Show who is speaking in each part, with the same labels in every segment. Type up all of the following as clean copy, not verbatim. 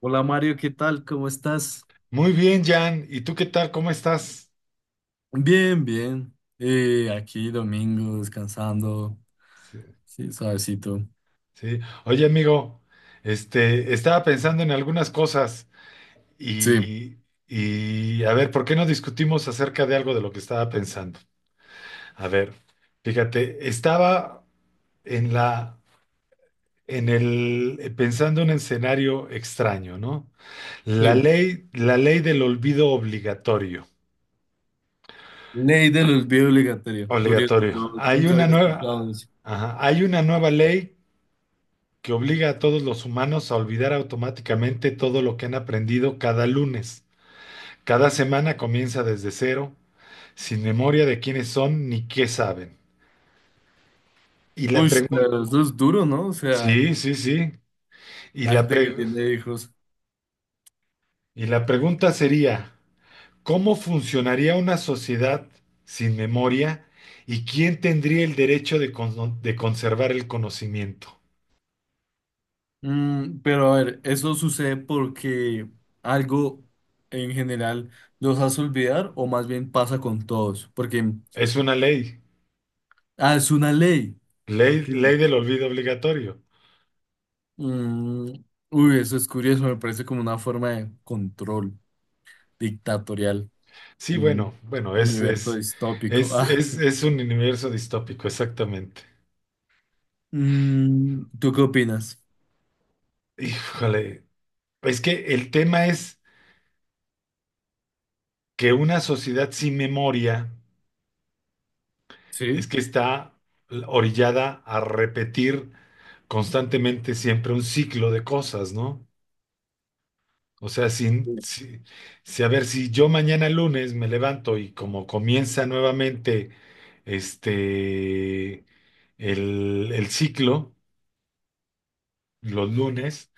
Speaker 1: Hola Mario, ¿qué tal? ¿Cómo estás?
Speaker 2: Muy bien, Jan. ¿Y tú qué tal? ¿Cómo estás?
Speaker 1: Bien, bien. Aquí domingo, descansando.
Speaker 2: Sí.
Speaker 1: Sí, suavecito.
Speaker 2: Sí. Oye, amigo, estaba pensando en algunas cosas
Speaker 1: Sí,
Speaker 2: y, y a ver, ¿por qué no discutimos acerca de algo de lo que estaba pensando? A ver, fíjate, estaba en la, en el, pensando en un escenario extraño, ¿no? La
Speaker 1: sí.
Speaker 2: ley, la ley del olvido obligatorio.
Speaker 1: Ley del olvido obligatorio. Curioso,
Speaker 2: Obligatorio.
Speaker 1: no,
Speaker 2: Hay
Speaker 1: nunca
Speaker 2: una
Speaker 1: había escuchado
Speaker 2: nueva,
Speaker 1: eso.
Speaker 2: ajá, hay una nueva ley que obliga a todos los humanos a olvidar automáticamente todo lo que han aprendido cada lunes. Cada semana comienza desde cero, sin memoria de quiénes son ni qué saben. Y la
Speaker 1: Uy,
Speaker 2: pregunta,
Speaker 1: pero eso es duro, ¿no? O sea,
Speaker 2: sí, sí, sí. Y
Speaker 1: la
Speaker 2: la
Speaker 1: gente que
Speaker 2: pre-
Speaker 1: tiene hijos.
Speaker 2: y la pregunta sería, ¿cómo funcionaría una sociedad sin memoria y quién tendría el derecho de conservar el conocimiento?
Speaker 1: Pero a ver, ¿eso sucede porque algo en general los hace olvidar o más bien pasa con todos? Porque,
Speaker 2: Es una ley,
Speaker 1: es una ley.
Speaker 2: ley,
Speaker 1: Ok.
Speaker 2: ley del olvido obligatorio.
Speaker 1: Mm, uy, eso es curioso, me parece como una forma de control dictatorial
Speaker 2: Sí,
Speaker 1: en
Speaker 2: bueno,
Speaker 1: un
Speaker 2: bueno, es,
Speaker 1: universo
Speaker 2: es,
Speaker 1: distópico.
Speaker 2: es,
Speaker 1: Ah,
Speaker 2: es, es un universo distópico, exactamente.
Speaker 1: ¿tú qué opinas?
Speaker 2: Híjole, es que el tema es que una sociedad sin memoria es
Speaker 1: Sí,
Speaker 2: que está orillada a repetir constantemente siempre un ciclo de cosas, ¿no? O sea, sin, si, si- a ver, si yo mañana lunes me levanto y como comienza nuevamente este, el ciclo, los lunes.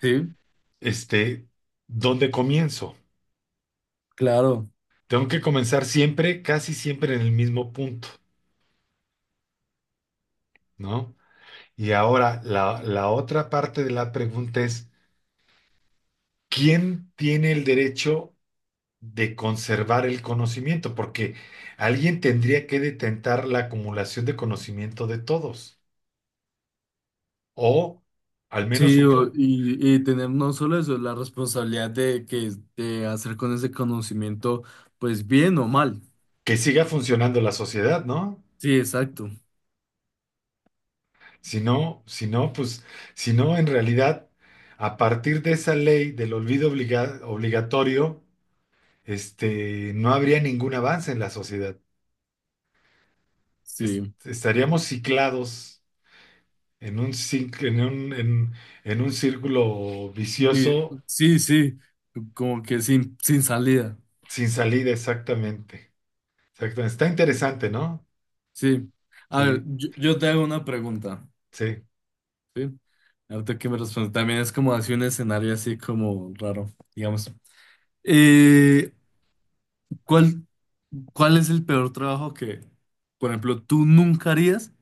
Speaker 1: Sí,
Speaker 2: este, Dónde comienzo?
Speaker 1: claro.
Speaker 2: Tengo que comenzar siempre, casi siempre en el mismo punto, ¿no? Y ahora la otra parte de la pregunta es, ¿quién tiene el derecho de conservar el conocimiento? Porque alguien tendría que detentar la acumulación de conocimiento de todos, o al menos
Speaker 1: Sí, y tener no solo eso, la responsabilidad de que de hacer con ese conocimiento, pues bien o mal.
Speaker 2: que siga funcionando la sociedad, ¿no?
Speaker 1: Sí, exacto.
Speaker 2: Si no, si no, pues, si no, en realidad, a partir de esa ley del obligatorio, no habría ningún avance en la sociedad.
Speaker 1: Sí.
Speaker 2: Estaríamos ciclados en un, cinc- en un círculo vicioso
Speaker 1: Sí, sí. Como que sin salida.
Speaker 2: sin salida, exactamente. Exactamente. Está interesante, ¿no?
Speaker 1: Sí. A ver,
Speaker 2: Sí,
Speaker 1: yo te hago una pregunta.
Speaker 2: sí.
Speaker 1: Sí. Ahorita que me responde, también es como así un escenario así como raro, digamos. Eh, ¿cuál, cuál es el peor trabajo que, por ejemplo, tú nunca harías,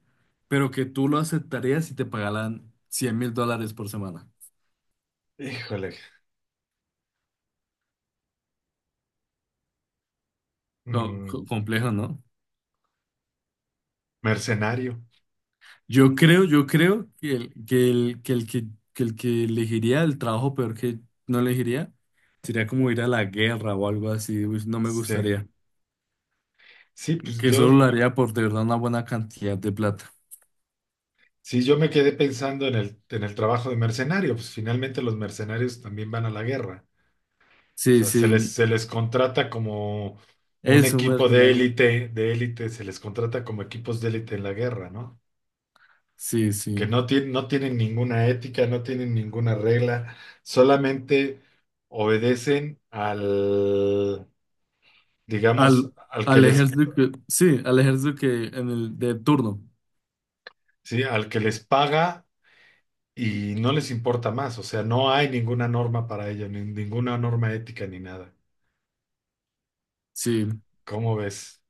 Speaker 1: pero que tú lo aceptarías si te pagaran $100,000 por semana?
Speaker 2: Híjole. Mm,
Speaker 1: Complejo, ¿no?
Speaker 2: Mercenario.
Speaker 1: Yo creo que el que, el, que el que elegiría el trabajo peor que no elegiría sería como ir a la guerra o algo así. Uy, no me
Speaker 2: Sí.
Speaker 1: gustaría.
Speaker 2: Sí, pues
Speaker 1: Que solo lo
Speaker 2: yo.
Speaker 1: haría por de verdad una buena cantidad de plata.
Speaker 2: Sí, yo me quedé pensando en el trabajo de mercenario, pues finalmente los mercenarios también van a la guerra. O
Speaker 1: Sí,
Speaker 2: sea,
Speaker 1: sí,
Speaker 2: se les contrata como un
Speaker 1: es un
Speaker 2: equipo
Speaker 1: mercenario.
Speaker 2: de élite, se les contrata como equipos de élite en la guerra, ¿no?
Speaker 1: Sí, sí.
Speaker 2: Que no tienen ninguna ética, no tienen ninguna regla, solamente obedecen al, digamos,
Speaker 1: Al, al ejército que, sí, al ejército que en el de turno.
Speaker 2: sí, al que les paga y no les importa más. O sea, no hay ninguna norma para ello, ni ninguna norma ética ni nada.
Speaker 1: Sí.
Speaker 2: ¿Cómo ves?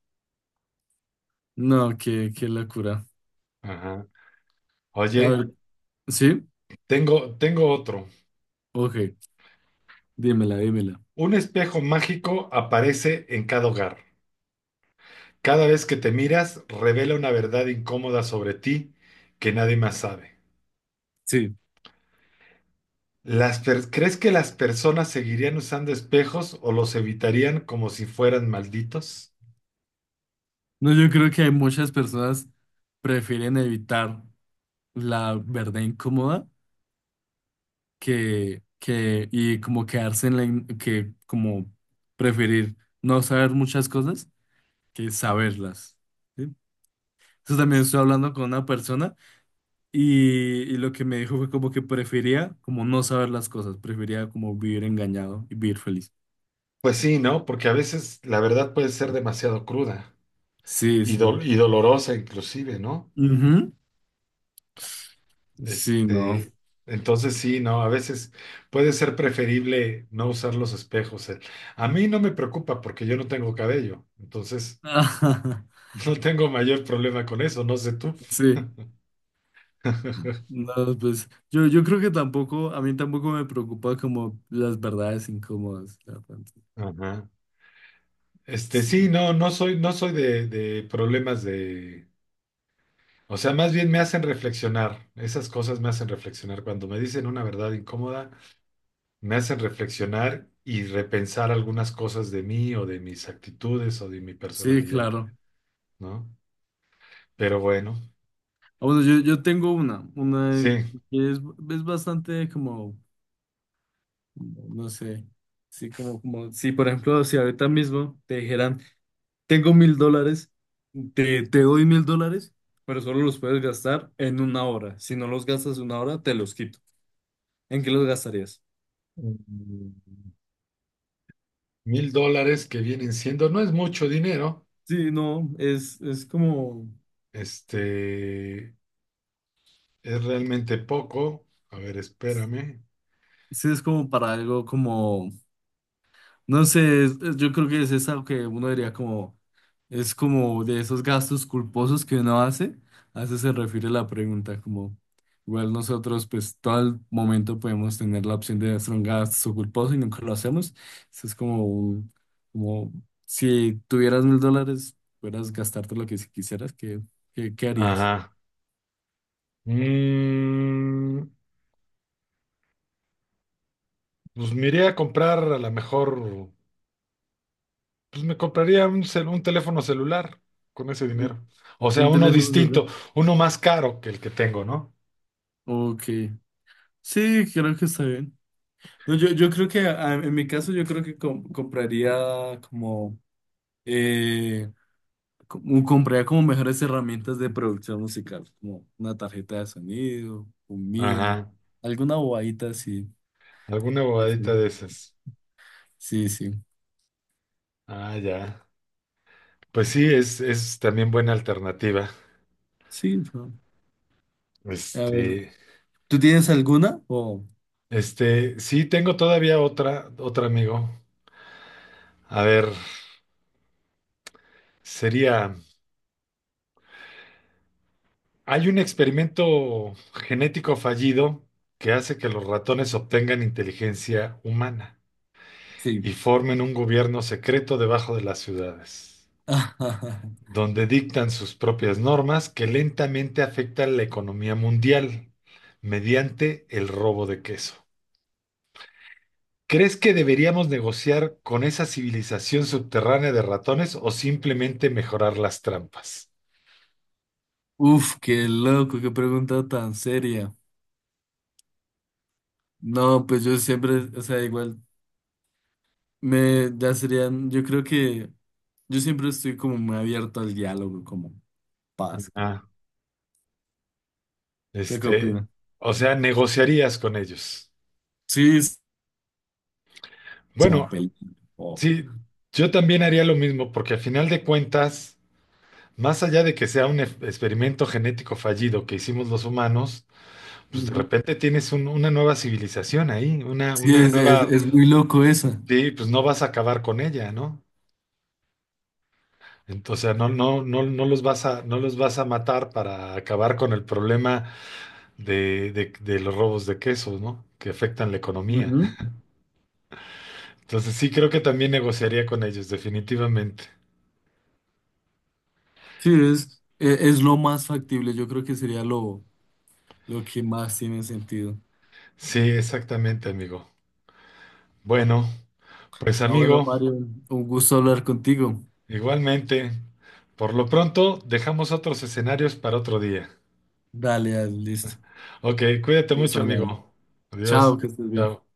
Speaker 1: No, qué locura.
Speaker 2: Ajá.
Speaker 1: A
Speaker 2: Oye,
Speaker 1: ver, sí,
Speaker 2: tengo otro.
Speaker 1: ok, dímela, dímela.
Speaker 2: Un espejo mágico aparece en cada hogar. Cada vez que te miras, revela una verdad incómoda sobre ti que nadie más sabe.
Speaker 1: Sí.
Speaker 2: ¿Crees que las personas seguirían usando espejos o los evitarían como si fueran malditos?
Speaker 1: No, yo creo que hay muchas personas prefieren evitar la verdad incómoda que y como quedarse en la, que como preferir no saber muchas cosas que saberlas. ¿Sí? Entonces también estoy hablando con una persona. Y lo que me dijo fue como que prefería como no saber las cosas, prefería como vivir engañado y vivir feliz.
Speaker 2: Pues sí, ¿no? Porque a veces la verdad puede ser demasiado cruda
Speaker 1: Sí,
Speaker 2: y,
Speaker 1: sí.
Speaker 2: dol- y dolorosa inclusive, ¿no?
Speaker 1: Ujú. Sí, no.
Speaker 2: Este, entonces sí, no, a veces puede ser preferible no usar los espejos. A mí no me preocupa porque yo no tengo cabello, entonces no tengo mayor problema con eso, no sé tú.
Speaker 1: Sí, no, pues yo creo que tampoco, a mí tampoco me preocupa como las verdades incómodas. La verdad.
Speaker 2: Ajá. Sí,
Speaker 1: Sí,
Speaker 2: no, no soy de problemas o sea, más bien me hacen reflexionar. Esas cosas me hacen reflexionar. Cuando me dicen una verdad incómoda, me hacen reflexionar y repensar algunas cosas de mí o de mis actitudes o de mi
Speaker 1: sí,
Speaker 2: personalidad,
Speaker 1: claro.
Speaker 2: ¿no? Pero bueno.
Speaker 1: Ah, bueno, yo tengo una
Speaker 2: Sí,
Speaker 1: que es bastante como, como, no sé, sí, como, como, sí, por ejemplo, si ahorita mismo te dijeran, tengo $1,000, te doy $1,000, pero solo los puedes gastar en una hora. Si no los gastas en una hora, te los quito. ¿En qué los gastarías?
Speaker 2: mm, 1000 dólares que vienen siendo, no es mucho dinero,
Speaker 1: Sí, no, es como,
Speaker 2: este, es realmente poco. A ver, espérame.
Speaker 1: sí, es como para algo como. No sé, yo creo que es eso que uno diría como, es como de esos gastos culposos que uno hace, a eso se refiere la pregunta, como igual nosotros pues todo el momento podemos tener la opción de hacer un gasto culposo y nunca lo hacemos, eso es como, como si tuvieras $1,000, pudieras gastarte lo que si quisieras, ¿qué harías?
Speaker 2: Ajá. Mm, pues me iría a comprar a lo mejor, pues me compraría un teléfono celular con ese dinero. O sea,
Speaker 1: Un
Speaker 2: uno
Speaker 1: teléfono celular.
Speaker 2: distinto, uno más caro que el que tengo, ¿no?
Speaker 1: Ok, sí, creo que está bien. No, yo creo que en mi caso yo creo que compraría como eh, compraría como mejores herramientas de producción musical, como una tarjeta de sonido, un MIDI,
Speaker 2: Ajá.
Speaker 1: alguna bobadita así.
Speaker 2: Alguna bobadita de esas.
Speaker 1: Sí, sí.
Speaker 2: Ah, ya. Pues sí, es también buena alternativa.
Speaker 1: Sí, no. A ver,
Speaker 2: Este.
Speaker 1: ¿tú tienes alguna? O
Speaker 2: Sí, tengo todavía otra amigo. A ver, sería, hay un experimento genético fallido que hace que los ratones obtengan inteligencia humana
Speaker 1: sí.
Speaker 2: y formen un gobierno secreto debajo de las ciudades, donde dictan sus propias normas que lentamente afectan la economía mundial mediante el robo de queso. ¿Crees que deberíamos negociar con esa civilización subterránea de ratones o simplemente mejorar las trampas?
Speaker 1: Uf, qué loco, qué pregunta tan seria. No, pues yo siempre, o sea, igual me, ya serían, yo creo que yo siempre estoy como muy abierto al diálogo, como paz.
Speaker 2: Ah,
Speaker 1: ¿Usted qué
Speaker 2: este,
Speaker 1: opinas?
Speaker 2: o sea, negociarías con ellos.
Speaker 1: Sí, es como
Speaker 2: Bueno,
Speaker 1: película. o-
Speaker 2: sí, yo también haría lo mismo porque al final de cuentas, más allá de que sea un experimento genético fallido que hicimos los humanos, pues de
Speaker 1: Ujú.
Speaker 2: repente tienes una nueva civilización ahí, una,
Speaker 1: Sí,
Speaker 2: una
Speaker 1: es, es,
Speaker 2: nueva,
Speaker 1: es muy loco esa.
Speaker 2: sí, pues no vas a acabar con ella, ¿no? Entonces, no, no, no, no los vas a matar para acabar con el problema de los robos de quesos, ¿no? Que afectan la economía.
Speaker 1: Ujú.
Speaker 2: Entonces, sí, creo que también negociaría con ellos, definitivamente.
Speaker 1: Sí, es, es lo más factible. Yo creo que sería lo que más tiene sentido.
Speaker 2: Sí, exactamente, amigo. Bueno, pues
Speaker 1: Ah, bueno,
Speaker 2: amigo,
Speaker 1: Mario, un gusto hablar contigo.
Speaker 2: igualmente. Por lo pronto, dejamos otros escenarios para otro día.
Speaker 1: Dale, dale, listo.
Speaker 2: Ok, cuídate
Speaker 1: Vamos
Speaker 2: mucho,
Speaker 1: hablando.
Speaker 2: amigo.
Speaker 1: Chao,
Speaker 2: Adiós.
Speaker 1: que estés bien.
Speaker 2: Chao.